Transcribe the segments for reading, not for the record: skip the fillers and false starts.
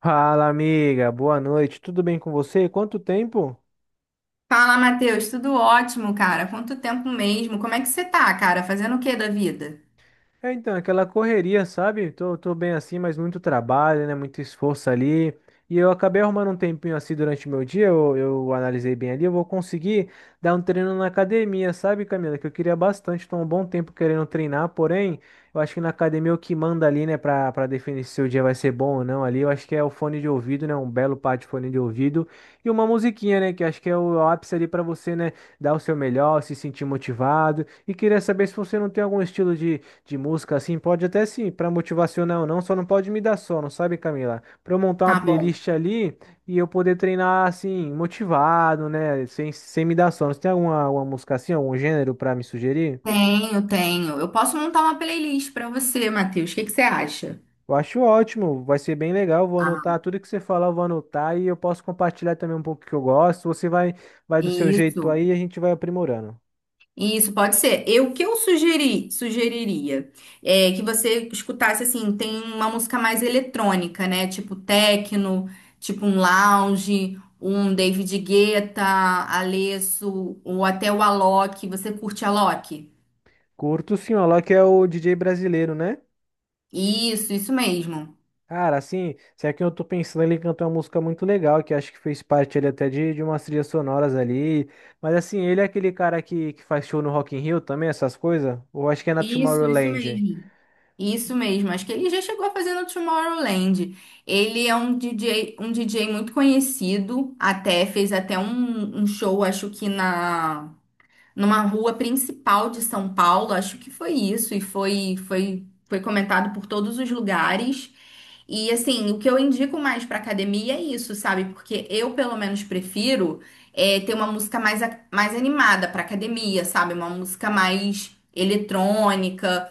Fala, amiga. Boa noite. Tudo bem com você? Quanto tempo? Fala, Matheus, tudo ótimo, cara? Quanto tempo mesmo? Como é que você tá, cara? Fazendo o que da vida? É, então, aquela correria, sabe? Tô bem assim, mas muito trabalho, né? Muito esforço ali. E eu acabei arrumando um tempinho assim durante o meu dia, eu analisei bem ali, eu vou conseguir dar um treino na academia, sabe, Camila? Que eu queria bastante, tô há um bom tempo querendo treinar, porém, eu acho que na academia o que manda ali, né, pra definir se o dia vai ser bom ou não ali, eu acho que é o fone de ouvido, né? Um belo par de fone de ouvido e uma musiquinha, né? Que acho que é o ápice ali pra você, né, dar o seu melhor, se sentir motivado. E queria saber se você não tem algum estilo de música, assim, pode até sim, para motivacional não, só não pode me dar sono, sabe, Camila? Para eu montar uma Tá bom. playlist ali e eu poder treinar, assim, motivado, né? Sem me dar sono. Você tem alguma, alguma música assim, algum gênero para me sugerir? Tenho. Eu posso montar uma playlist pra você, Matheus. O que que você acha? Eu acho ótimo, vai ser bem legal. Vou Ah, anotar tudo que você falar, eu vou anotar e eu posso compartilhar também um pouco que eu gosto. Você vai do seu jeito Isso, aí e a gente vai aprimorando. isso pode ser. Eu o que eu sugeri, sugeriria é que você escutasse assim, tem uma música mais eletrônica, né? Tipo techno, tipo um lounge, um David Guetta, Alesso, ou até o Alok. Você curte Alok? Curto sim, o Alok é o DJ brasileiro, né? Isso mesmo. Cara, assim, se é que eu tô pensando, ele cantou uma música muito legal, que acho que fez parte ali até de umas trilhas sonoras ali. Mas assim, ele é aquele cara que faz show no Rock in Rio também, essas coisas? Ou acho que é na Isso, isso Tomorrowland? mesmo. Isso mesmo. Acho que ele já chegou a fazer no Tomorrowland. Ele é um DJ, um DJ muito conhecido, até fez até um show, acho que na numa rua principal de São Paulo, acho que foi isso e foi comentado por todos os lugares. E assim, o que eu indico mais pra academia é isso, sabe? Porque eu pelo menos prefiro ter uma música mais, mais animada pra academia, sabe? Uma música mais eletrônica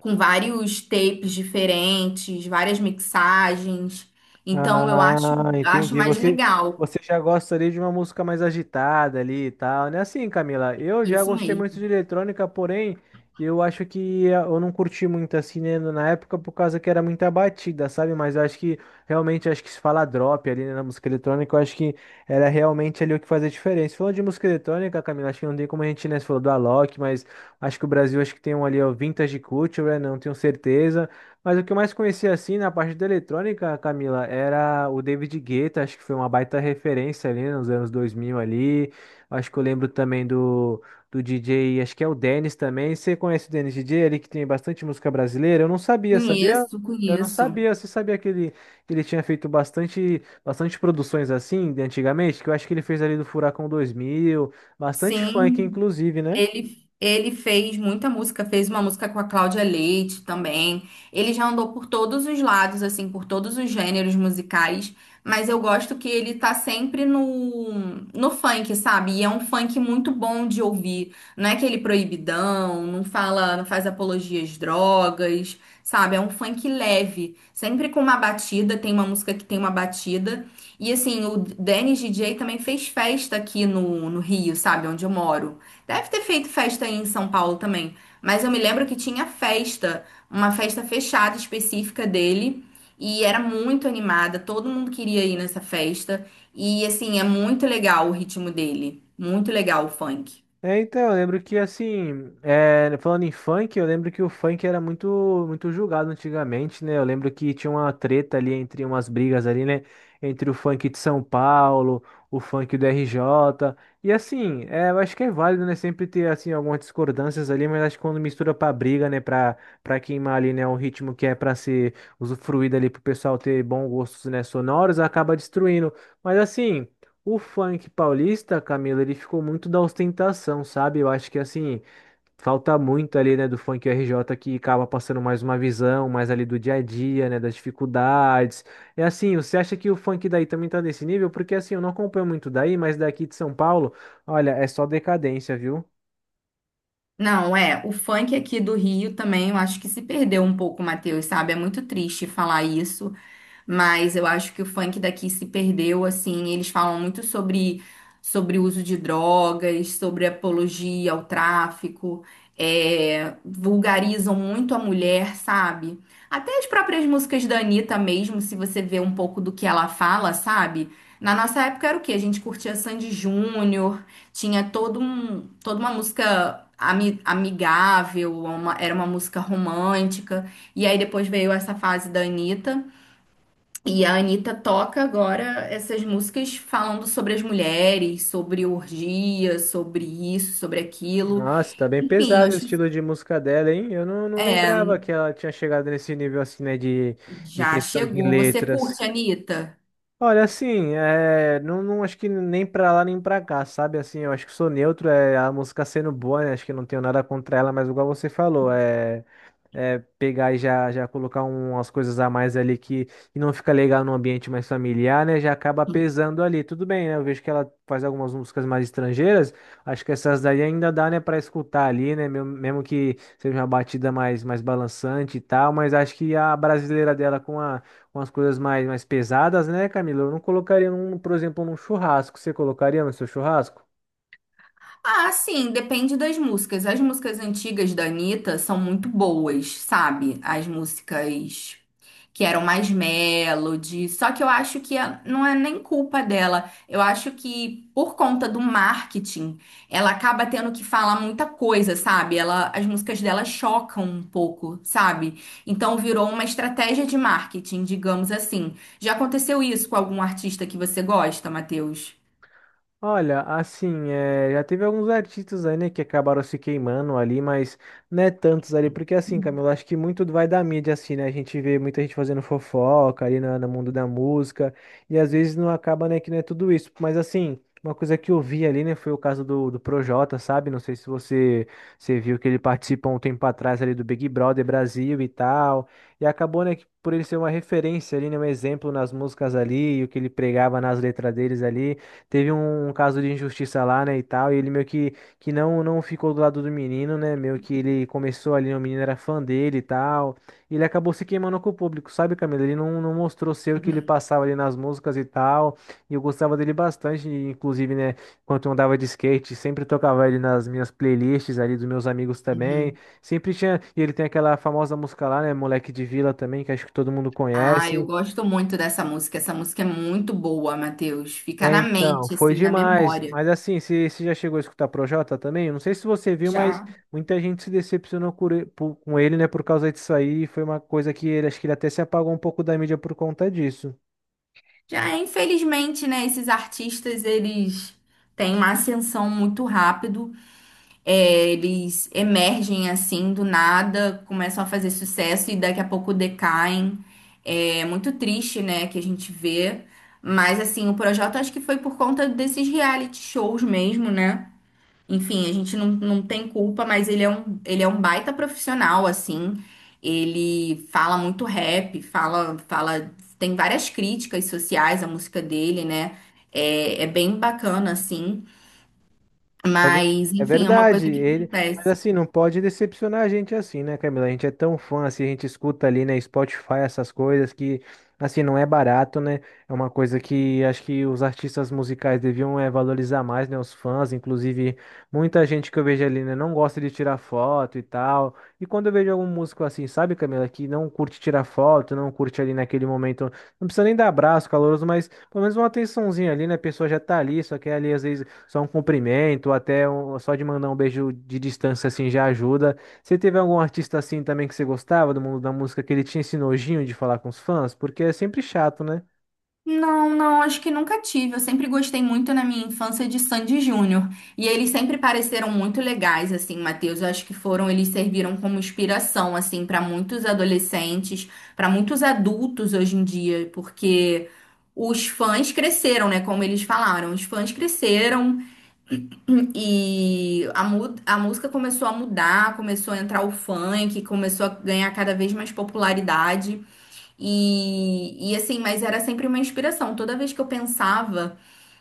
com vários tapes diferentes, várias mixagens. Então eu acho, Ah, Acho entendi. mais Você, legal. você já gosta ali de uma música mais agitada ali e tal, né? Assim, Camila, eu já Isso gostei muito de mesmo. eletrônica, porém, eu acho que eu não curti muito assim, né, na época por causa que era muita batida, sabe? Mas eu acho que realmente acho que se fala drop ali, né, na música eletrônica, eu acho que era realmente ali o que fazia diferença. Falando de música eletrônica, Camila, acho que não tem como a gente, né, você falou do Alok, mas acho que o Brasil acho que tem um ali, ó, Vintage Culture, né? Não tenho certeza. Mas o que eu mais conhecia assim na parte da eletrônica, Camila, era o David Guetta, acho que foi uma baita referência ali nos anos 2000 ali. Acho que eu lembro também do DJ, acho que é o Dennis também. Você conhece o Dennis DJ, ali que tem bastante música brasileira? Eu não sabia, sabia? Conheço, Eu não conheço. sabia. Você sabia que ele tinha feito bastante, bastante produções assim de antigamente? Que eu acho que ele fez ali do Furacão 2000, bastante funk Sim, inclusive, né? ele fez muita música, fez uma música com a Cláudia Leite também. Ele já andou por todos os lados, assim, por todos os gêneros musicais, mas eu gosto que ele tá sempre no funk, sabe? E é um funk muito bom de ouvir. Não é aquele proibidão, não fala, não faz apologia às drogas, sabe? É um funk leve, sempre com uma batida, tem uma música que tem uma batida. E assim, o Dennis DJ também fez festa aqui no Rio, sabe? Onde eu moro. Deve ter feito festa aí em São Paulo também, mas eu me lembro que tinha festa, uma festa fechada específica dele, e era muito animada, todo mundo queria ir nessa festa, e assim, é muito legal o ritmo dele, muito legal o funk. É, então, eu lembro que assim, é, falando em funk, eu lembro que o funk era muito julgado antigamente, né? Eu lembro que tinha uma treta ali entre umas brigas ali, né? Entre o funk de São Paulo, o funk do RJ. E assim, é, eu acho que é válido, né? Sempre ter assim algumas discordâncias ali, mas acho que quando mistura pra briga, né? Pra queimar ali, né? Um ritmo que é pra ser usufruído ali pro pessoal ter bons gostos, né? Sonoros, acaba destruindo. Mas assim. O funk paulista, Camila, ele ficou muito da ostentação, sabe? Eu acho que assim, falta muito ali, né, do funk RJ que acaba passando mais uma visão, mais ali do dia a dia, né, das dificuldades. É assim, você acha que o funk daí também tá nesse nível? Porque assim, eu não acompanho muito daí, mas daqui de São Paulo, olha, é só decadência, viu? Não, é, o funk aqui do Rio também, eu acho que se perdeu um pouco, Matheus, sabe? É muito triste falar isso, mas eu acho que o funk daqui se perdeu, assim, eles falam muito sobre o uso de drogas, sobre apologia ao tráfico, é, vulgarizam muito a mulher, sabe? Até as próprias músicas da Anitta mesmo, se você vê um pouco do que ela fala, sabe? Na nossa época era o quê? A gente curtia Sandy Júnior, tinha todo um, toda uma música amigável, era uma música romântica. E aí depois veio essa fase da Anitta. E a Anitta toca agora essas músicas falando sobre as mulheres, sobre orgia, sobre isso, sobre aquilo. Nossa, tá bem Enfim, pesado o acho que estilo de música dela, hein? Eu não, não lembrava que ela tinha chegado nesse nível assim, né, de já questão de chegou. Você curte, letras. Anitta? Olha, assim, é, não, não acho que nem pra lá nem pra cá, sabe? Assim, eu acho que sou neutro, é a música sendo boa, né? Acho que não tenho nada contra ela, mas igual você falou, pegar e já colocar um, umas coisas a mais ali que e não fica legal num ambiente mais familiar, né? Já acaba pesando ali. Tudo bem, né? Eu vejo que ela faz algumas músicas mais estrangeiras. Acho que essas daí ainda dá, né, para escutar ali, né? Mesmo que seja uma batida mais, mais balançante e tal, mas acho que a brasileira dela com a, com as coisas mais, mais pesadas, né, Camila? Eu não colocaria, num, por exemplo, num churrasco. Você colocaria no seu churrasco? Ah, sim, depende das músicas. As músicas antigas da Anitta são muito boas, sabe? As músicas que eram mais melody. Só que eu acho que não é nem culpa dela. Eu acho que por conta do marketing, ela acaba tendo que falar muita coisa, sabe? Ela, as músicas dela chocam um pouco, sabe? Então virou uma estratégia de marketing, digamos assim. Já aconteceu isso com algum artista que você gosta, Matheus? Olha, assim, é, já teve alguns artistas aí, né, que acabaram se queimando ali, mas não é tantos ali, porque assim, Camilo, acho que muito vai da mídia, assim, né, a gente vê muita gente fazendo fofoca ali no mundo da música, e às vezes não acaba, né, que não é tudo isso, mas assim, uma coisa que eu vi ali, né, foi o caso do Projota, sabe, não sei se você, você viu que ele participou um tempo atrás ali do Big Brother Brasil e tal, e acabou, né, que por ele ser uma referência ali, né, um exemplo nas músicas ali, e o que ele pregava nas letras deles ali, teve um, um caso de injustiça lá, né, e tal, e ele meio que não, não ficou do lado do menino, né, meio que ele começou ali, né, o menino era fã dele e tal, e ele acabou se queimando com o público, sabe, Camila? Ele não, não mostrou ser o que ele Uhum, passava ali nas músicas e tal, e eu gostava dele bastante, e inclusive, né, quando eu andava de skate, sempre tocava ele nas minhas playlists ali dos meus amigos também, uhum. sempre tinha, e ele tem aquela famosa música lá, né, Moleque de Vila também, que acho que todo mundo Ah, eu conhece. gosto muito dessa música. Essa música é muito boa, Matheus. Fica É, na então, mente, foi assim, na demais. memória. Mas assim, você já chegou a escutar Projota também? Eu não sei se você viu, mas Já, muita gente se decepcionou com ele, com ele, né, por causa disso aí. Foi uma coisa que ele, acho que ele até se apagou um pouco da mídia por conta disso. já, infelizmente, né, esses artistas, eles têm uma ascensão muito rápido. É, eles emergem, assim, do nada, começam a fazer sucesso e daqui a pouco decaem. É muito triste, né, que a gente vê. Mas, assim, o projeto acho que foi por conta desses reality shows mesmo, né? Enfim, a gente não tem culpa, mas ele é um baita profissional, assim. Ele fala muito rap, fala, tem várias críticas sociais à música dele, né? É, é bem bacana, assim. É, Mas, é enfim, é uma verdade, coisa que ele, mas acontece. assim, não pode decepcionar a gente assim, né, Camila? A gente é tão fã, assim, a gente escuta ali, né, Spotify, essas coisas que, assim, não é barato, né? É uma coisa que acho que os artistas musicais deviam é, valorizar mais, né, os fãs, inclusive muita gente que eu vejo ali, né, não gosta de tirar foto e tal. E quando eu vejo algum músico assim, sabe, Camila, que não curte tirar foto, não curte ali naquele momento, não precisa nem dar abraço caloroso, mas pelo menos uma atençãozinha ali, né? A pessoa já tá ali, só quer ali às vezes só um cumprimento, ou até só de mandar um beijo de distância assim já ajuda. Você teve algum artista assim também que você gostava do mundo da música que ele tinha esse nojinho de falar com os fãs? Porque é sempre chato, né? Não, acho que nunca tive. Eu sempre gostei muito na minha infância de Sandy Júnior. E eles sempre pareceram muito legais, assim, Matheus. Eu acho que foram, eles serviram como inspiração, assim, para muitos adolescentes, para muitos adultos hoje em dia, porque os fãs cresceram, né? Como eles falaram, os fãs cresceram e a música começou a mudar, começou a entrar o funk, começou a ganhar cada vez mais popularidade. E assim, mas era sempre uma inspiração. Toda vez que eu pensava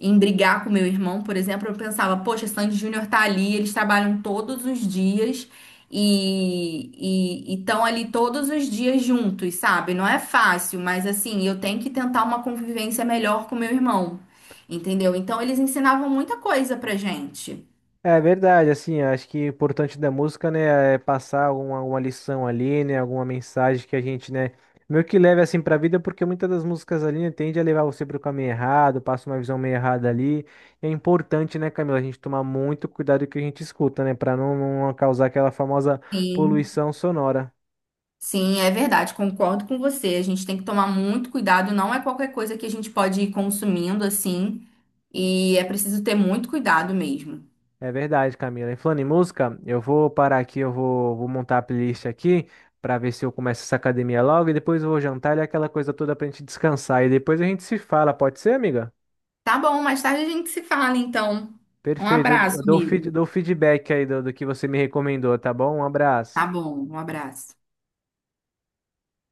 em brigar com meu irmão, por exemplo, eu pensava, poxa, Sandy Júnior tá ali, eles trabalham todos os dias e estão ali todos os dias juntos, sabe? Não é fácil, mas assim, eu tenho que tentar uma convivência melhor com meu irmão, entendeu? Então eles ensinavam muita coisa pra gente. É verdade, assim, acho que o importante da música, né, é passar alguma, alguma lição ali, né, alguma mensagem que a gente, né, meio que leve assim pra vida, porque muitas das músicas ali, né, tende a levar você pro caminho errado, passa uma visão meio errada ali. E é importante, né, Camila, a gente tomar muito cuidado com o que a gente escuta, né, pra não, não causar aquela famosa Sim. poluição sonora. Sim, é verdade, concordo com você. A gente tem que tomar muito cuidado, não é qualquer coisa que a gente pode ir consumindo assim, e é preciso ter muito cuidado mesmo. É verdade, Camila. E falando em música, eu vou parar aqui, vou montar a playlist aqui para ver se eu começo essa academia logo e depois eu vou jantar e aquela coisa toda pra gente descansar. E depois a gente se fala, pode ser, amiga? Tá bom, mais tarde a gente se fala então. Um Perfeito. Eu, abraço, eu dou, feed- amigo. dou feedback aí do que você me recomendou, tá bom? Um Tá abraço. bom, um abraço.